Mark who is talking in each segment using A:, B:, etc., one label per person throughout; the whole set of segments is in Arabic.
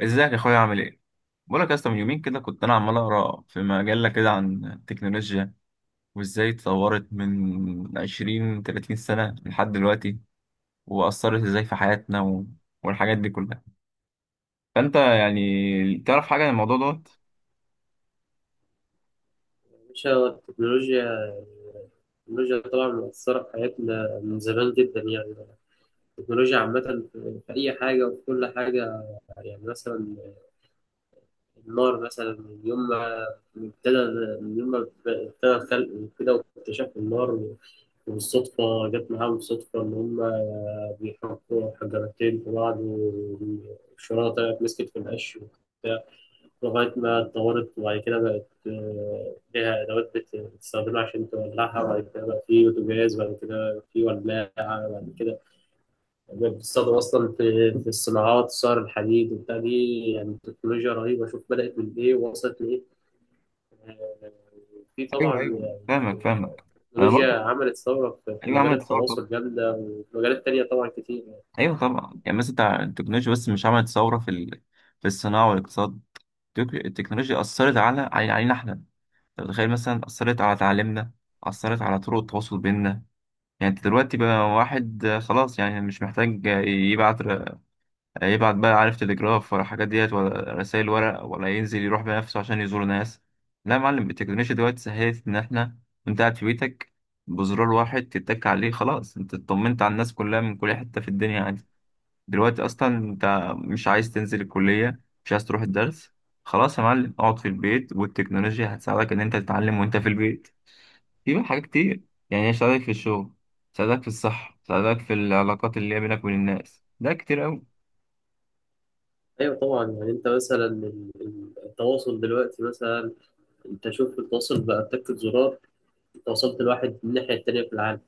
A: ازيك يا اخويا، عامل ايه؟ بقولك يا اسطى، من يومين كده كنت انا عمال اقرا في مجله كده عن التكنولوجيا، وازاي اتطورت من 20 30 سنه لحد دلوقتي، واثرت ازاي في حياتنا والحاجات دي كلها. فانت يعني تعرف حاجه عن الموضوع دوت؟
B: مش هو التكنولوجيا؟ التكنولوجيا طبعا مؤثرة في حياتنا من زمان جدا، يعني التكنولوجيا عامة في أي حاجة وفي كل حاجة. يعني مثلا النار، مثلا ابتدى من يوم ما ابتدى الخلق وكده واكتشفوا النار، وبالصدفة جت معاهم صدفة إن هما بيحطوا حجرتين في بعض والشرارة طلعت مسكت في القش وبتاع، لغاية ما اتطورت. وبعد كده بقت ليها أدوات بتستخدمها عشان تولعها، وبعد كده بقى في بوتاجاز، وبعد كده في ولاعة. بعد كده بقت بتستخدم أصلا في الصناعات، صهر الحديد وبتاع. دي يعني تكنولوجيا رهيبة، شوف بدأت من إيه ووصلت لإيه. آه، في
A: ايوه،
B: طبعا،
A: ايوه،
B: يعني
A: فاهمك فاهمك. انا
B: التكنولوجيا
A: برضه.
B: عملت ثورة في
A: ايوه،
B: مجال
A: عملت ثوره طبعا.
B: التواصل جامدة، وفي مجالات تانية طبعا كتير يعني.
A: ايوه طبعا، يعني مثلا بتاع التكنولوجيا، بس مش عملت ثوره في في الصناعه والاقتصاد. التكنولوجيا اثرت على علينا احنا. أنت متخيل، مثلا أثرت على تعليمنا، أثرت على طرق التواصل بيننا. يعني أنت دلوقتي بقى واحد، خلاص يعني مش محتاج يبعت يبعت بقى عارف تليجراف ولا الحاجات ديت ولا رسائل ورق ولا ينزل يروح بنفسه عشان يزور ناس. لا يا معلم، التكنولوجيا دلوقتي سهلت إن إحنا وأنت قاعد في بيتك، بزرار واحد تتك عليه، خلاص أنت اطمنت على الناس كلها من كل حتة في الدنيا عادي. دلوقتي أصلا أنت مش عايز تنزل الكلية، مش عايز تروح الدرس. خلاص يا معلم، اقعد في البيت والتكنولوجيا هتساعدك إن أنت تتعلم وأنت في البيت. في بقى حاجات كتير، يعني هيساعدك في الشغل، هيساعدك في الصحة، هيساعدك في العلاقات اللي هي بينك وبين الناس، ده كتير أوي.
B: أيوة طبعا. يعني أنت مثلا التواصل دلوقتي، مثلا انت شوف التواصل بقى تكة زرار، وصلت لواحد من الناحية التانية في العالم.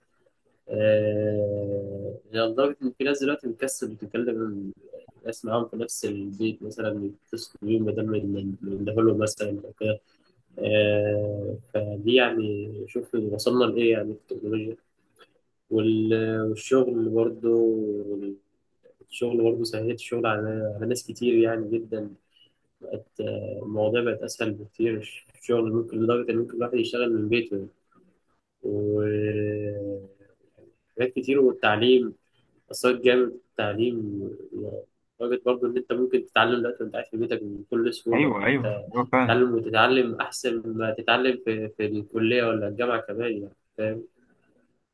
B: يعني لدرجة إن في ناس دلوقتي بتكسل بتتكلم ناس معاهم في نفس البيت، مثلا يتصلوا بيهم بدل من لهم مثلا أو كده. فدي يعني، شوف وصلنا لإيه يعني في التكنولوجيا. والشغل برضه، الشغل برضه سهلت الشغل على ناس كتير يعني جدا. بقت المواضيع بقت أسهل بكتير. الشغل ممكن، لدرجة إن ممكن الواحد يشتغل من بيته يعني. و حاجات كتير. والتعليم، أثرت جامد في التعليم، لدرجة برضه إن أنت ممكن تتعلم دلوقتي وأنت قاعد في بيتك بكل سهولة.
A: أيوه، أيوه،
B: أنت
A: أيوه، فعلا.
B: تتعلم، وتتعلم أحسن ما تتعلم في الكلية ولا الجامعة كمان، يعني فاهم.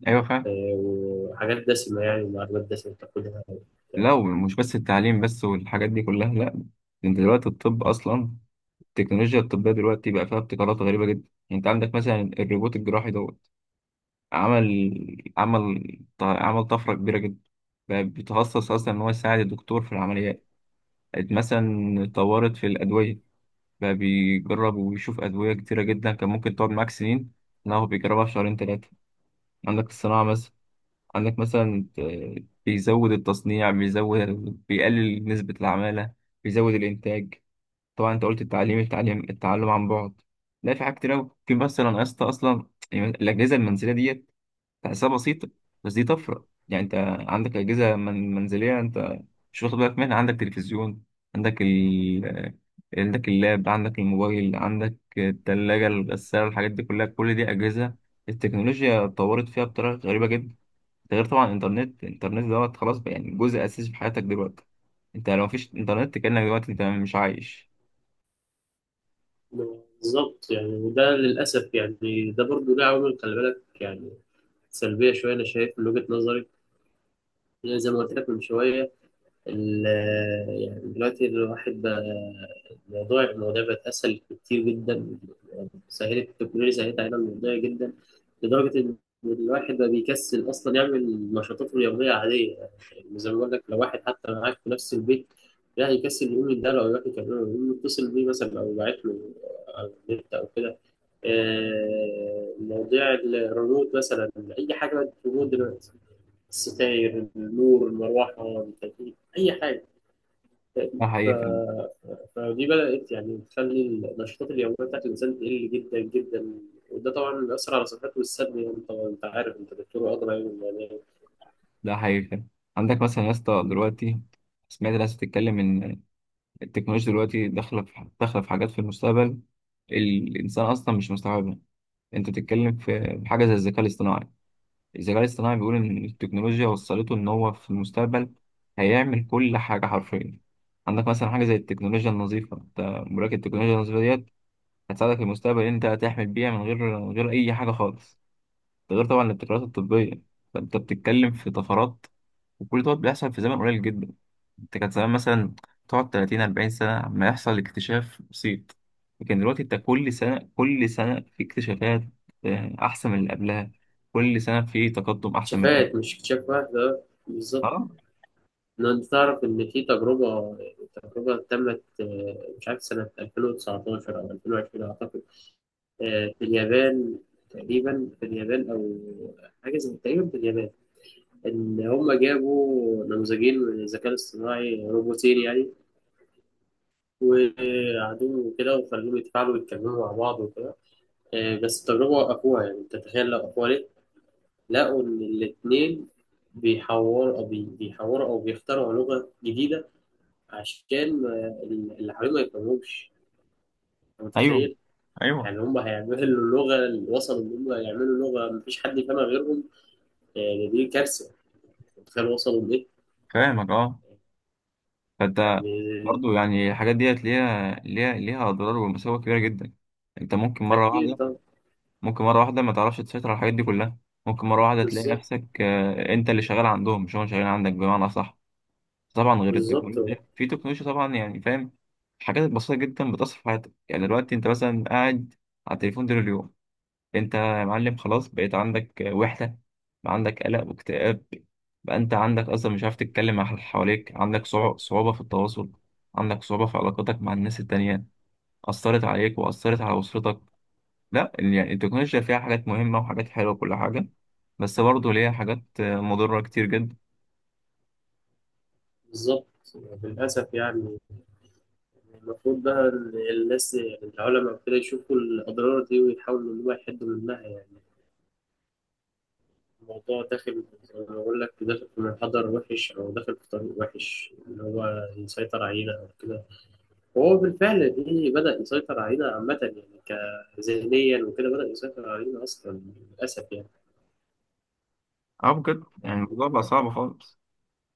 A: أيوه، فعلا.
B: وحاجات دسمة، يعني معلومات دسمة بتاخدها وبتاع.
A: لو مش بس التعليم بس والحاجات دي كلها، لأ، ده أنت دلوقتي الطب أصلا، التكنولوجيا الطبية دلوقتي بقى فيها ابتكارات غريبة جدا. يعني أنت عندك مثلا الروبوت الجراحي دوت، عمل عمل عمل طفرة كبيرة جدا. بقى بيتخصص أصلا إن هو يساعد الدكتور في العمليات مثلا. طورت في الأدوية، بقى بيجرب وبيشوف أدوية كتيرة جدا كان ممكن تقعد معاك سنين، لا هو بيجربها في شهرين 3. عندك الصناعة مثلا، عندك مثلا، بيزود التصنيع، بيقلل نسبة العمالة، بيزود الإنتاج. طبعا أنت قلت التعليم، التعلم عن بعد. لا، في حاجات كتير أوي، في مثلا يا اسطى، أصلا يعني الأجهزة المنزلية ديت تحسها بسيطة، بس دي طفرة. يعني أنت عندك أجهزة من منزلية أنت مش واخد بالك منها، عندك تلفزيون، عندك ال عندك اللاب، عندك الموبايل، عندك التلاجة، الغسالة، الحاجات دي كلها، كل دي أجهزة التكنولوجيا اتطورت فيها بطريقة غريبة جدا. ده غير طبعا الإنترنت دوت، خلاص بقى يعني جزء أساسي في حياتك دلوقتي. أنت لو مفيش إنترنت كأنك دلوقتي أنت مش عايش.
B: بالظبط يعني. وده للأسف يعني ده برضه له عوامل، خلي بالك يعني، سلبية شوية أنا شايف من وجهة نظري. يعني زي ما قلت لك من شوية، ال- يعني دلوقتي الواحد بقى، المواضيع بقت أسهل كتير جدا. سهلت التكنولوجيا، سهلت علينا المواضيع جدا، لدرجة إن الواحد بقى بيكسل أصلا يعمل نشاطاته اليومية عادية. يعني زي ما بقول لك، لو واحد حتى معاك في نفس البيت، لا يكسل يقوم يداله، أو يروح يكلمه، أو يقوم يتصل بيه مثلا، أو يبعت له على النت أو كده. مواضيع الريموت مثلا، أي حاجة بقت ريموت دلوقتي، الستاير النور المروحة التكييف أي حاجة.
A: ده
B: ف...
A: حقيقي فعلا.
B: فدي بدأت يعني تخلي النشاطات اليومية بتاعت الإنسان تقل جدا جدا. وده طبعا بيأثر على صحته والسلب يعني طبعا أنت عارف، أنت دكتور أدرى يعني، يعني
A: ده حقيقي فعلا. عندك مثلا يا اسطى دلوقتي، سمعت ناس بتتكلم إن التكنولوجيا دلوقتي داخله في حاجات في المستقبل الانسان اصلا مش مستوعبها. انت بتتكلم في حاجه زي الذكاء الاصطناعي. الذكاء الاصطناعي بيقول ان التكنولوجيا وصلته ان هو في المستقبل هيعمل كل حاجه حرفيا. عندك مثلا حاجه زي التكنولوجيا النظيفه، انت مراكب التكنولوجيا النظيفه ديت هتساعدك في المستقبل ان انت هتحمل بيها من غير اي حاجه خالص. ده غير طبعا الابتكارات الطبيه. فانت بتتكلم في طفرات، وكل دوت بيحصل في زمن قليل جدا. انت كان زمان مثلا تقعد 30 40 سنة عما يحصل اكتشاف بسيط، لكن دلوقتي انت كل سنة كل سنة في اكتشافات أحسن من اللي قبلها. كل سنة في تقدم أحسن من اللي قبلها.
B: اكتشافات مش اكتشاف واحد، ده بالظبط.
A: اه.
B: إن أنت تعرف إن في تجربة تمت مش عارف سنة 2019 أو 2020 أعتقد، في اليابان، تقريبا في اليابان، أو حاجة زي، تقريبا في اليابان. إن هم جابوا نموذجين من الذكاء الاصطناعي، روبوتين يعني، وقعدوه وكده وخلوهم يتفاعلوا ويتكلموا مع بعض وكده. بس التجربة وقفوها. يعني أنت تخيل لو وقفوها ليه؟ لقوا إن الاتنين بيحوروا، أو بيخترعوا لغة جديدة عشان اللي حواليهم ما يفهموهمش. أنت
A: أيوه،
B: متخيل؟
A: أيوه،
B: يعني هم هيعملوا اللغة، اللي وصلوا إن هم يعملوا لغة مفيش حد يفهمها غيرهم، يعني دي كارثة. أنت متخيل وصلوا لإيه؟
A: فاهمك، أه. فأنت
B: يعني
A: برضو يعني الحاجات ديت ليها أضرار ومساوئ كبيرة جدا. انت ممكن مرة
B: أكيد
A: واحدة،
B: طبعا.
A: ممكن مرة واحدة ما تعرفش تسيطر على الحاجات دي كلها. ممكن مرة واحدة تلاقي
B: بالظبط.
A: نفسك، انت اللي شغال عندهم مش هم شغالين عندك بمعنى أصح. طبعا غير
B: بالظبط.
A: التكنولوجيا، في تكنولوجيا طبعا يعني فاهم، حاجات بسيطة جدا بتأثر في حياتك. يعني دلوقتي انت مثلا قاعد على التليفون طول اليوم، انت يا معلم خلاص بقيت عندك وحدة، بقى عندك قلق واكتئاب، بقى انت عندك اصلا مش عارف تتكلم مع اللي حواليك، عندك صعوبة في التواصل، عندك صعوبة في علاقاتك مع الناس التانية، أثرت عليك وأثرت على أسرتك. لا يعني التكنولوجيا فيها حاجات مهمة وحاجات حلوة وكل حاجة، بس برضه ليها حاجات مضرة كتير جدا.
B: بالظبط. للأسف يعني. المفروض بقى إن الناس، يعني العلماء وكده، يشوفوا الأضرار دي ويحاولوا إن هو يحدوا منها. يعني الموضوع داخل زي ما بقول لك، داخل في منحدر وحش، أو داخل في طريق وحش، إن هو يسيطر علينا أو كده. وهو بالفعل دي بدأ يسيطر علينا عامة، يعني كذهنيا وكده، بدأ يسيطر علينا أصلا. للأسف يعني.
A: اه، بجد يعني
B: يعني
A: الموضوع بقى صعب خالص.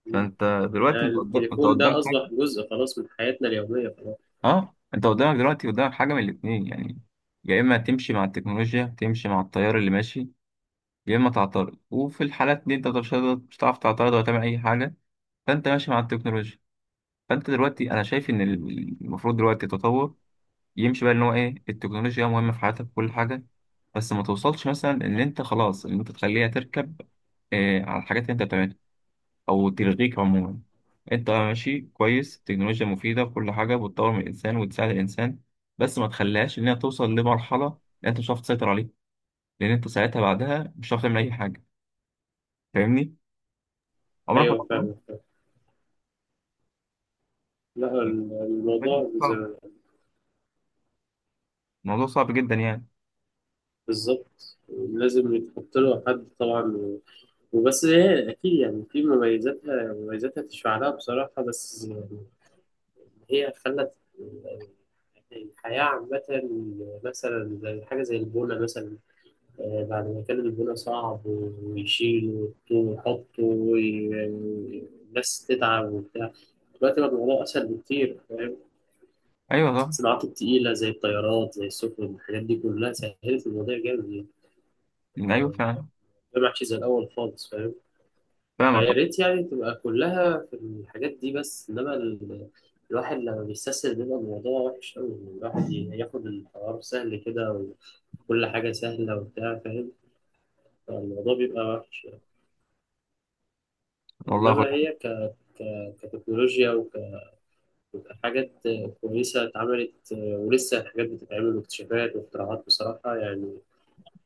A: فانت دلوقتي
B: يعني
A: انت
B: التليفون ده
A: قدام حاجه.
B: أصبح جزء خلاص من حياتنا اليومية خلاص.
A: اه، انت قدامك دلوقتي، قدامك حاجه من الاثنين يعني. يا اما تمشي مع التكنولوجيا، تمشي مع التيار اللي ماشي، يا اما تعترض، وفي الحالات دي انت مش هتعرف تعترض ولا تعمل اي حاجه. فانت ماشي مع التكنولوجيا. فانت دلوقتي انا شايف ان المفروض دلوقتي التطور يمشي بقى ان هو ايه، التكنولوجيا مهمه في حياتك كل حاجه، بس ما توصلش مثلا ان انت خلاص ان انت تخليها تركب على الحاجات اللي انت بتعملها أو تلغيك عموما. أنت ماشي كويس، التكنولوجيا مفيدة وكل حاجة بتطور من الإنسان وتساعد الإنسان، بس ما تخليهاش إنها توصل لمرحلة إن أنت مش هتعرف تسيطر عليها، لأن أنت ساعتها بعدها مش هتعرف تعمل أي حاجة. فاهمني؟ عمرك ما
B: أيوه
A: طبعا.
B: فاهم فاهم. لا الموضوع زي.
A: صعب. الموضوع صعب جدا يعني.
B: بالظبط، لازم يتحط له حد طبعا. وبس هي اكيد يعني في مميزاتها، مميزاتها تشفع لها بصراحه، بس يعني هي خلت الحياه عامه، مثلا زي حاجه زي البونه مثلا. بعد ما كان البونه صعب ويشيل ويحط والناس تتعب وبتاع، دلوقتي بقى الموضوع اسهل بكتير، فاهم.
A: أيوه طبعا.
B: الصناعات التقيله زي الطيارات، زي السفن، الحاجات دي كلها سهلت الموضوع جامد يعني.
A: أيوه فعلا.
B: ده محشي زي الأول خالص، فاهم.
A: فاهمك
B: فيا ريت يعني تبقى كلها في الحاجات دي، بس إنما ال... الواحد لما بيستسهل بيبقى الموضوع وحش أوي، إن الواحد ياخد القرار سهل كده، وكل حاجة سهلة وبتاع، فاهم، فالموضوع بيبقى وحش يعني.
A: والله يا أخويا.
B: إنما هي كتكنولوجيا وكحاجات كويسة اتعملت، ولسه الحاجات بتتعمل، واكتشافات واختراعات، بصراحة يعني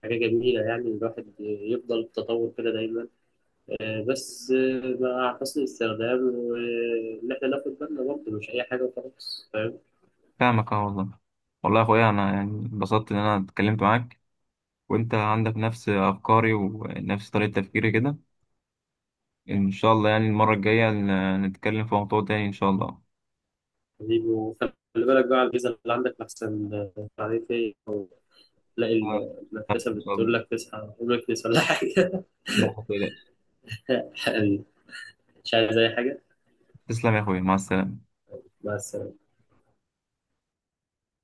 B: حاجة جميلة، يعني الواحد يفضل في التطور كده دايما. بس مع حسن الاستخدام، وإن إحنا ناخد بالنا برضه، مش أي حاجة وخلاص فاهم.
A: فاهمك أه والله. والله يا أخويا، أنا يعني اتبسطت إن أنا اتكلمت معاك، وأنت عندك نفس أفكاري ونفس طريقة تفكيري كده. إن شاء الله يعني المرة الجاية نتكلم في موضوع تاني. إن شاء الله.
B: حبيبي، وخلي بالك بقى على الفيزا اللي عندك، لحسن عليك إيه، تلاقي المدرسة
A: إن شاء الله.
B: بتقول لك تصحى، ولا حاجة.
A: لا، ما تقلقش.
B: مش عايز أي حاجة
A: تسلم يا أخويا، مع السلامة.
B: بس.